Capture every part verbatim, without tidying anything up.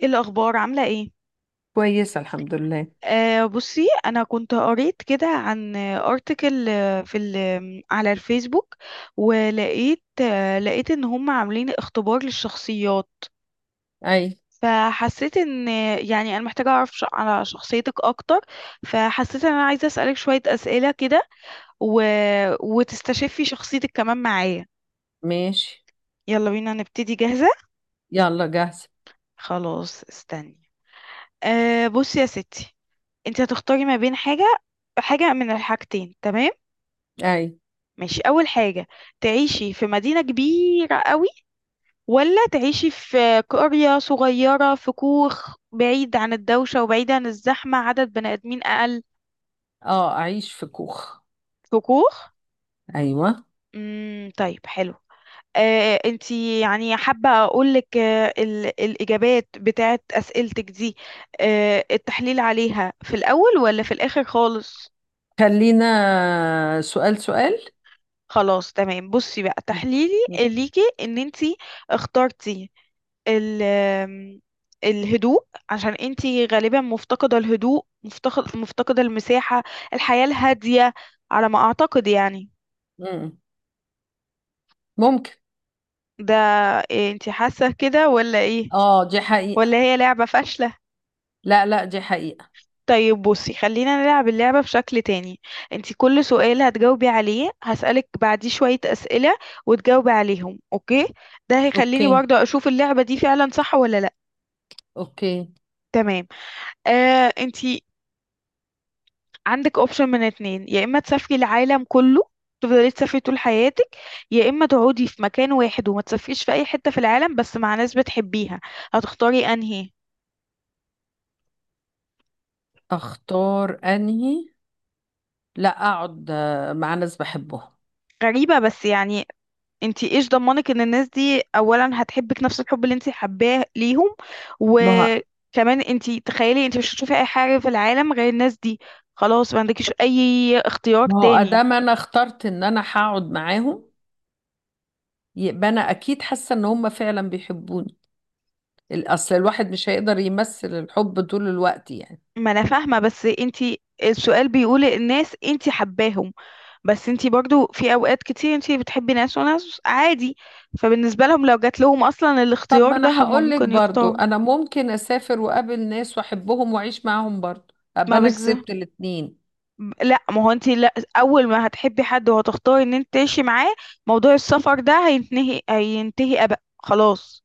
ايه الاخبار، عامله ايه؟ كويسة، الحمد لله. آه بصي، انا كنت قريت كده عن ارتكل في ال- على الفيسبوك، ولقيت آه لقيت ان هم عاملين اختبار للشخصيات. أي. فحسيت ان، يعني انا محتاجه اعرف ش- على شخصيتك اكتر. فحسيت ان انا عايزه اسالك شويه اسئله كده، و... وتستشفي شخصيتك كمان معايا. ماشي. يلا بينا نبتدي، جاهزه؟ يلا، جاهزة. خلاص استني. آه بصي يا ستي، انت هتختاري ما بين حاجه، حاجه من الحاجتين، تمام؟ أي. ماشي، أول حاجة، تعيشي في مدينة كبيرة قوي، ولا تعيشي في قرية صغيرة في كوخ بعيد عن الدوشة وبعيد عن الزحمة، عدد بني آدمين أقل؟ أه، أعيش في كوخ. في كوخ؟ أيوة. امم، طيب، حلو. آه انتي يعني حابة أقولك آه ال- الإجابات بتاعت أسئلتك دي، آه التحليل عليها في الأول ولا في الآخر خالص؟ خلينا سؤال سؤال. خلاص تمام. بصي بقى، ممكن. تحليلي ليكي ان انتي اخترتي ال آم، الهدوء، عشان انتي غالبا مفتقدة الهدوء، مفتقد مفتقدة المساحة، الحياة الهادية، على ما اعتقد يعني. مم. ممكن. ده، إيه، انتي حاسة كده ولا ايه، أه، دي حقيقة. ولا هي لعبة فاشلة؟ لا، لا، دي حقيقة. طيب بصي، خلينا نلعب اللعبة بشكل تاني. انتي كل سؤال هتجاوبي عليه هسألك بعديه شوية أسئلة وتجاوبي عليهم، اوكي؟ ده هيخليني أوكي، برضه اشوف اللعبة دي فعلا صح ولا لا. أوكي. تمام. آه انتي عندك اوبشن من اتنين، يا اما تسافري العالم كله، تفضلي تسافري طول حياتك، يا اما تقعدي في مكان واحد وما تسافريش في اي حتة في العالم بس مع ناس بتحبيها. هتختاري انهي؟ أختار أنهي؟ لا، أقعد آه، مع ناس بحبهم. غريبة بس يعني، انتي ايش ضمنك ان الناس دي اولا هتحبك نفس الحب اللي انتي حباه ليهم؟ ما هو، وكمان انتي تخيلي انتي مش هتشوفي اي حاجة في العالم غير الناس دي، خلاص، ما عندكيش اي اختيار ما هو تاني. أدام أنا اخترت إن أنا هقعد معاهم، يبقى أنا أكيد حاسة إن هم فعلا بيحبوني. الأصل الواحد مش هيقدر يمثل الحب طول الوقت يعني. ما انا فاهمة، بس انتي السؤال بيقول الناس انتي حباهم، بس انتي برضو في اوقات كتير انتي بتحبي ناس وناس عادي، فبالنسبة لهم لو جات لهم اصلا طب ما الاختيار انا ده هم هقول لك ممكن برضو يختاروا. انا ممكن اسافر واقابل ناس واحبهم واعيش معاهم برضو ابقى ما انا بز كسبت الاتنين. لا، ما هو انتي لا اول ما هتحبي حد وهتختاري ان انت تعيشي معاه، موضوع السفر ده هينتهي، هينتهي ابق خلاص.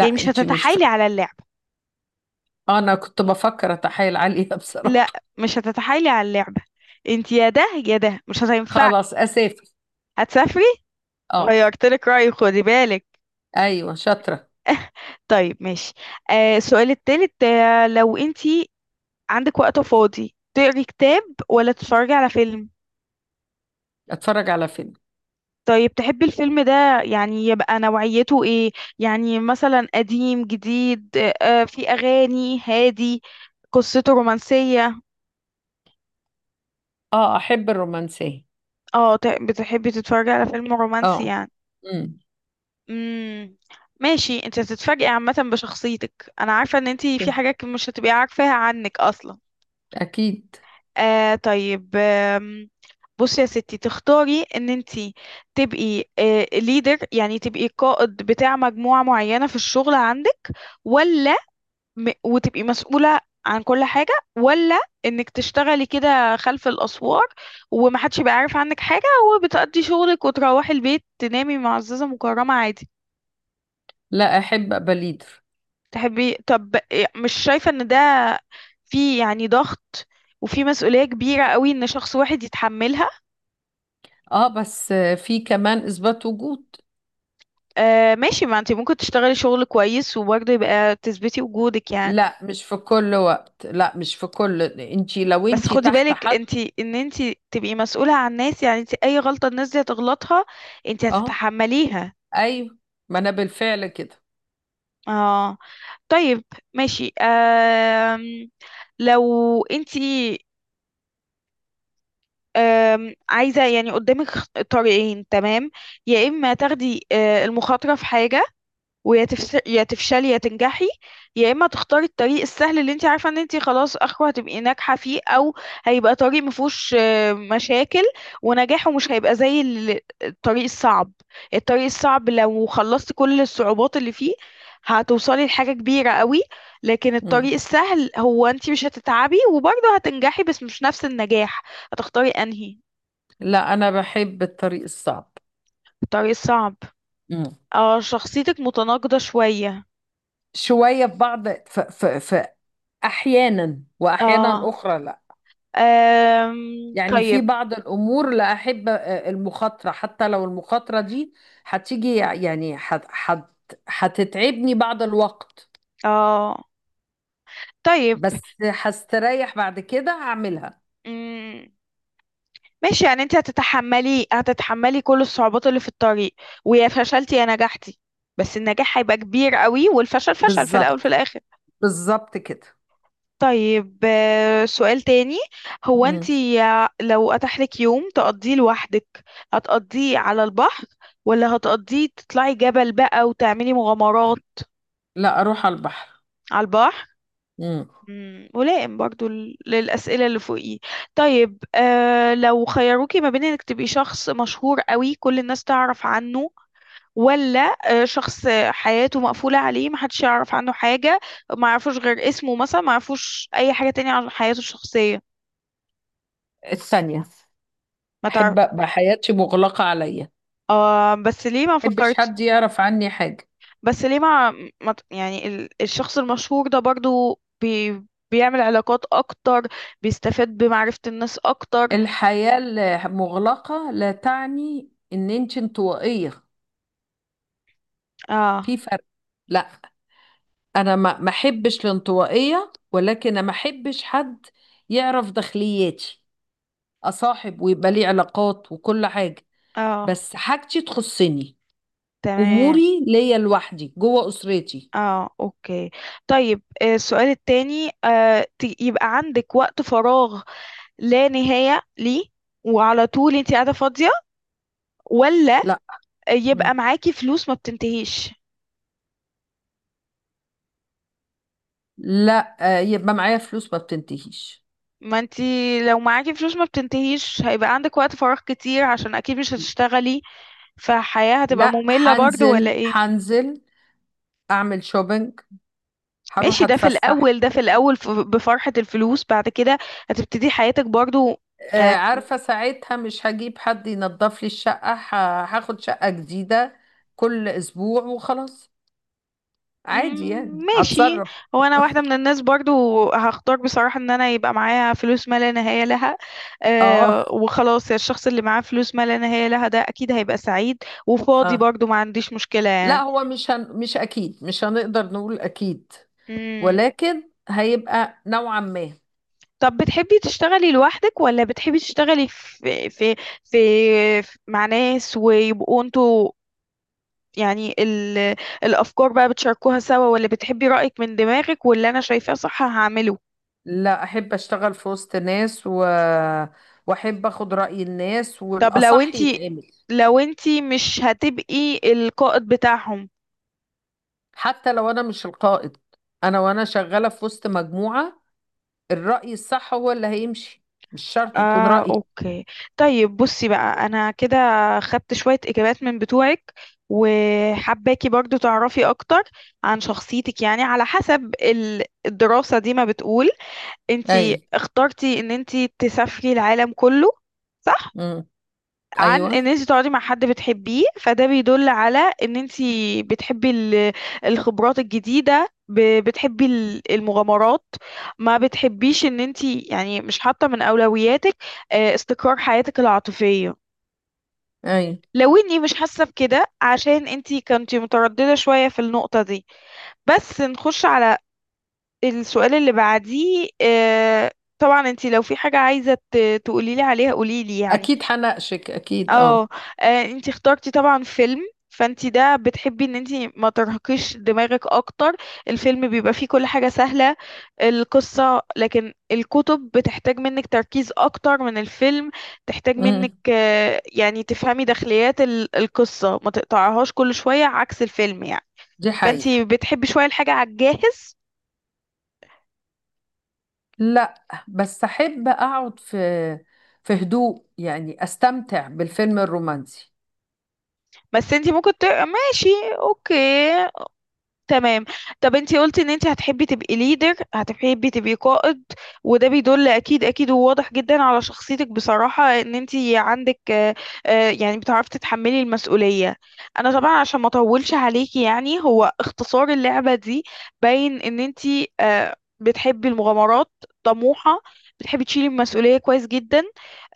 يعني مش انتي مش ف... هتتحايلي على اللعبة. انا كنت بفكر اتحايل عليها بصراحة. لا، مش هتتحايلي على اللعبة. انتي يا ده، يا ده، مش هتنفع. خلاص، اسافر. هتسافري؟ اه. غيرتلك رأيي، خدي بالك. ايوه، شاطرة. طيب ماشي. آه السؤال التالت، آه لو انت عندك وقت فاضي، تقري كتاب ولا تتفرجي على فيلم؟ اتفرج على فيلم. طيب تحبي الفيلم ده يعني يبقى نوعيته ايه؟ يعني مثلا قديم، جديد، آه في اغاني هادي، قصته رومانسية. اه، احب الرومانسية. اه، ت- بتحبي تتفرجي على فيلم رومانسي اه. يعني. امم. امم، ماشي. انت هتتفاجئي عامة بشخصيتك، انا عارفة ان انت في حاجات مش هتبقي عارفاها عنك اصلا. اكيد. آه طيب، آم، بصي يا ستي، تختاري ان انتي تبقي ليدر، يعني تبقي قائد بتاع مجموعة معينة في الشغل عندك، ولا م وتبقي مسؤولة عن كل حاجة، ولا انك تشتغلي كده خلف الأسوار ومحدش يبقى عارف عنك حاجة، وبتقضي شغلك وتروحي البيت تنامي معززة مكرمة عادي؟ لا، احب ابقى ليدر. تحبي، طب إيه، مش شايفة ان ده في يعني ضغط وفي مسؤولية كبيرة قوي ان شخص واحد يتحملها؟ اه، بس في كمان اثبات وجود. آه ماشي، ما انت ممكن تشتغلي شغل كويس وبرضه يبقى تثبتي وجودك يعني. لا، مش في كل وقت، لا، مش في كل انتي، لو بس انتي خدي تحت بالك حد. انت، ان انت تبقي مسؤولة عن الناس، يعني انت اي غلطة الناس دي هتغلطها انت اه. هتتحمليها. ايوه. ما انا بالفعل كده. اه، طيب ماشي. آم لو انت، آم عايزة يعني قدامك خ- طريقين، تمام؟ يا اما تاخدي آه، المخاطرة في حاجة، ويا تفس... يا تفشلي يا تنجحي، يا اما تختاري الطريق السهل اللي انت عارفه ان انت خلاص اخره هتبقي ناجحه فيه، او هيبقى طريق مفهوش آه، مشاكل، ونجاحه مش هيبقى زي ال- الطريق الصعب. الطريق الصعب لو خلصتي كل الصعوبات اللي فيه هتوصلي لحاجه كبيره قوي، لكن مم. الطريق السهل هو انت مش هتتعبي وبرضه هتنجحي بس مش نفس النجاح. هتختاري انهي؟ لا، انا بحب الطريق الصعب. الطريق الصعب. مم. اه، شخصيتك متناقضه شويه. شوية في بعض، ف ف ف أحيانا وأحيانا اه، أخرى لا. أم... يعني في طيب. بعض الأمور لا أحب آه، المخاطرة، حتى لو المخاطرة دي هتيجي يعني هت هت هتتعبني بعض الوقت، اه طيب. بس هستريح بعد كده هعملها. مم. ماشي، يعني انت هتتحملي هتتحملي كل الصعوبات اللي في الطريق، ويا فشلتي يا نجحتي، بس النجاح هيبقى كبير قوي والفشل فشل في الاول في بالظبط، الاخر. بالظبط كده. طيب آه، سؤال تاني، هو انت مم. يا- لو اتاح لك يوم تقضيه لوحدك، هتقضيه على البحر ولا هتقضيه تطلعي جبل بقى وتعملي مغامرات؟ لا، أروح على البحر. على البحر؟ مم. مم، ملائم برضو ل- للأسئلة اللي فوقيه. طيب آه لو خيروكي ما بين انك تبقي شخص مشهور قوي كل الناس تعرف عنه، ولا آه شخص حياته مقفولة عليه محدش يعرف عنه حاجة، ما يعرفوش غير اسمه مثلا، ما يعرفوش أي حاجة تانية عن حياته الشخصية؟ الثانية. ما تعرف. أحب أبقى حياتي مغلقة عليا. آه بس ليه، ما محبش فكرت، حد يعرف عني حاجة. بس ليه ما, ما ت- يعني ال- الشخص المشهور ده برضو بي بيعمل علاقات أكتر، بيستفاد بمعرفة الناس أكتر. الحياة المغلقة لا تعني ان انت انطوائية. اه، في فرق. لا، انا ما ما احبش الانطوائية، ولكن أنا ما احبش حد يعرف داخلياتي. اصاحب ويبقى لي علاقات وكل حاجة، اه، بس حاجتي تخصني. تمام. اموري ليا لوحدي جوه اسرتي. اه، اوكي. طيب آه، السؤال التاني، آه، ت- يبقى عندك وقت فراغ لا نهاية ليه وعلى طول انت قاعدة فاضية، ولا لا. مم. يبقى معاكي فلوس ما بتنتهيش؟ لا، آه، يبقى معايا فلوس ما بتنتهيش. ما انت لو معاكي فلوس ما بتنتهيش هيبقى عندك وقت فراغ كتير عشان اكيد مش هتشتغلي، فحياة هتبقى لا، مملة برضو ولا هنزل، ايه؟ هنزل اعمل شوبينج، هروح ماشي، ده في اتفسح. الاول، ده في الاول ف- بفرحة الفلوس، بعد كده هتبتدي حياتك برضو آه، يعني. عارفة ساعتها مش هجيب حد ينظف لي الشقة، ه- هاخد شقة جديدة كل أسبوع وخلاص. عادي يعني، مم، ماشي. هتصرف. هو انا واحده من الناس برضو هختار بصراحه ان انا يبقى معايا فلوس ما لا نهايه لها. اه. أه، وخلاص الشخص اللي معاه فلوس ما لا نهايه لها ده اكيد هيبقى سعيد وفاضي اه. برضو، ما عنديش مشكله لا، يعني. هو مش هن... مش أكيد، مش هنقدر نقول أكيد، مم. ولكن هيبقى نوعا ما. طب بتحبي تشتغلي لوحدك، ولا بتحبي تشتغلي في في في, في مع ناس ويبقوا انتوا يعني ال الافكار بقى بتشاركوها سوا، ولا بتحبي رايك من دماغك واللي انا شايفاه صح هعمله؟ لا، أحب أشتغل في وسط ناس و... وأحب أخد رأي الناس، طب لو والأصح انتي يتعمل. لو انتي مش هتبقي القائد بتاعهم؟ حتى لو أنا مش القائد، أنا وأنا شغالة في وسط مجموعة، الرأي الصح هو اللي هيمشي، مش شرط يكون اه، رأيي. اوكي. طيب بصي بقى، انا كده خدت شوية اجابات من بتوعك، وحباكي برضو تعرفي اكتر عن شخصيتك يعني على حسب ال- الدراسة دي ما بتقول. اي. انتي اخترتي ان انتي تسافري العالم كله، صح؟ امم. عن ايوه. ان انت تقعدي مع حد بتحبيه، فده بيدل على ان انت بتحبي ال- الخبرات الجديدة، ب- بتحبي ال- المغامرات، ما بتحبيش ان انت، يعني مش حاطة من اولوياتك آه، استقرار حياتك العاطفية. اي. لو اني مش حاسة بكده عشان انتي كنتي مترددة شوية في النقطة دي، بس نخش على السؤال اللي بعديه. آه، طبعا انتي لو في حاجة عايزة تقولي لي عليها قولي لي يعني. اكيد هناقشك، اكيد. اه. اه. آه، انتي اخترتي طبعا فيلم، فانتي ده بتحبي ان انتي ما ترهقيش دماغك اكتر، الفيلم بيبقى فيه كل حاجة سهلة، القصة، لكن الكتب بتحتاج منك تركيز اكتر من الفيلم، تحتاج امم منك آه، يعني تفهمي داخليات ال- القصة، ما تقطعهاش كل شوية عكس الفيلم يعني. دي حقيقة. فانتي بتحبي شوية الحاجة على الجاهز. لا، بس احب اقعد في في هدوء، يعني استمتع بالفيلم الرومانسي. بس انتي ممكن تقرا، ماشي، اوكي، تمام. طب انتي قلتي ان انتي هتحبي تبقي ليدر، هتحبي تبقي قائد، وده بيدل اكيد اكيد وواضح جدا على شخصيتك بصراحة ان انتي عندك آه، آه، يعني بتعرفي تتحملي المسؤولية. انا طبعا عشان ما اطولش عليكي يعني، هو اختصار اللعبة دي، باين ان انتي آه، بتحبي المغامرات، طموحة، بتحبي تشيلي المسؤولية كويس جدا،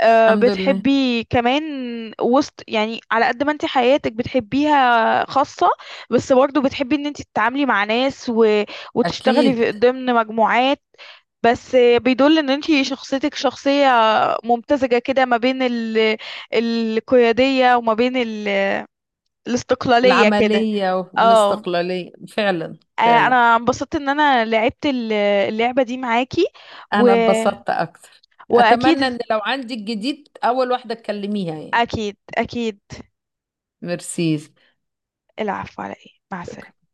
آه، الحمد لله. بتحبي كمان وسط يعني، على قد ما انتي حياتك بتحبيها خاصة، بس برضه بتحبي ان انت تتعاملي مع ناس و... وتشتغلي في اكيد. ضمن مجموعات. بس بيدل ان انت شخصيتك شخصية ممتزجة كده ما بين ال... القيادية، وما بين ال... الاستقلالية كده. العملية اه. والاستقلالية، فعلا آه، فعلا. انا انبسطت ان انا لعبت ال- اللعبة دي معاكي و... انا اتبسطت اكتر. اتمنى واكيد، ان لو عندي الجديد اول واحدة تكلميها يعني. اكيد اكيد. ميرسي. العفو، على ايه، مع شكرا. السلامة.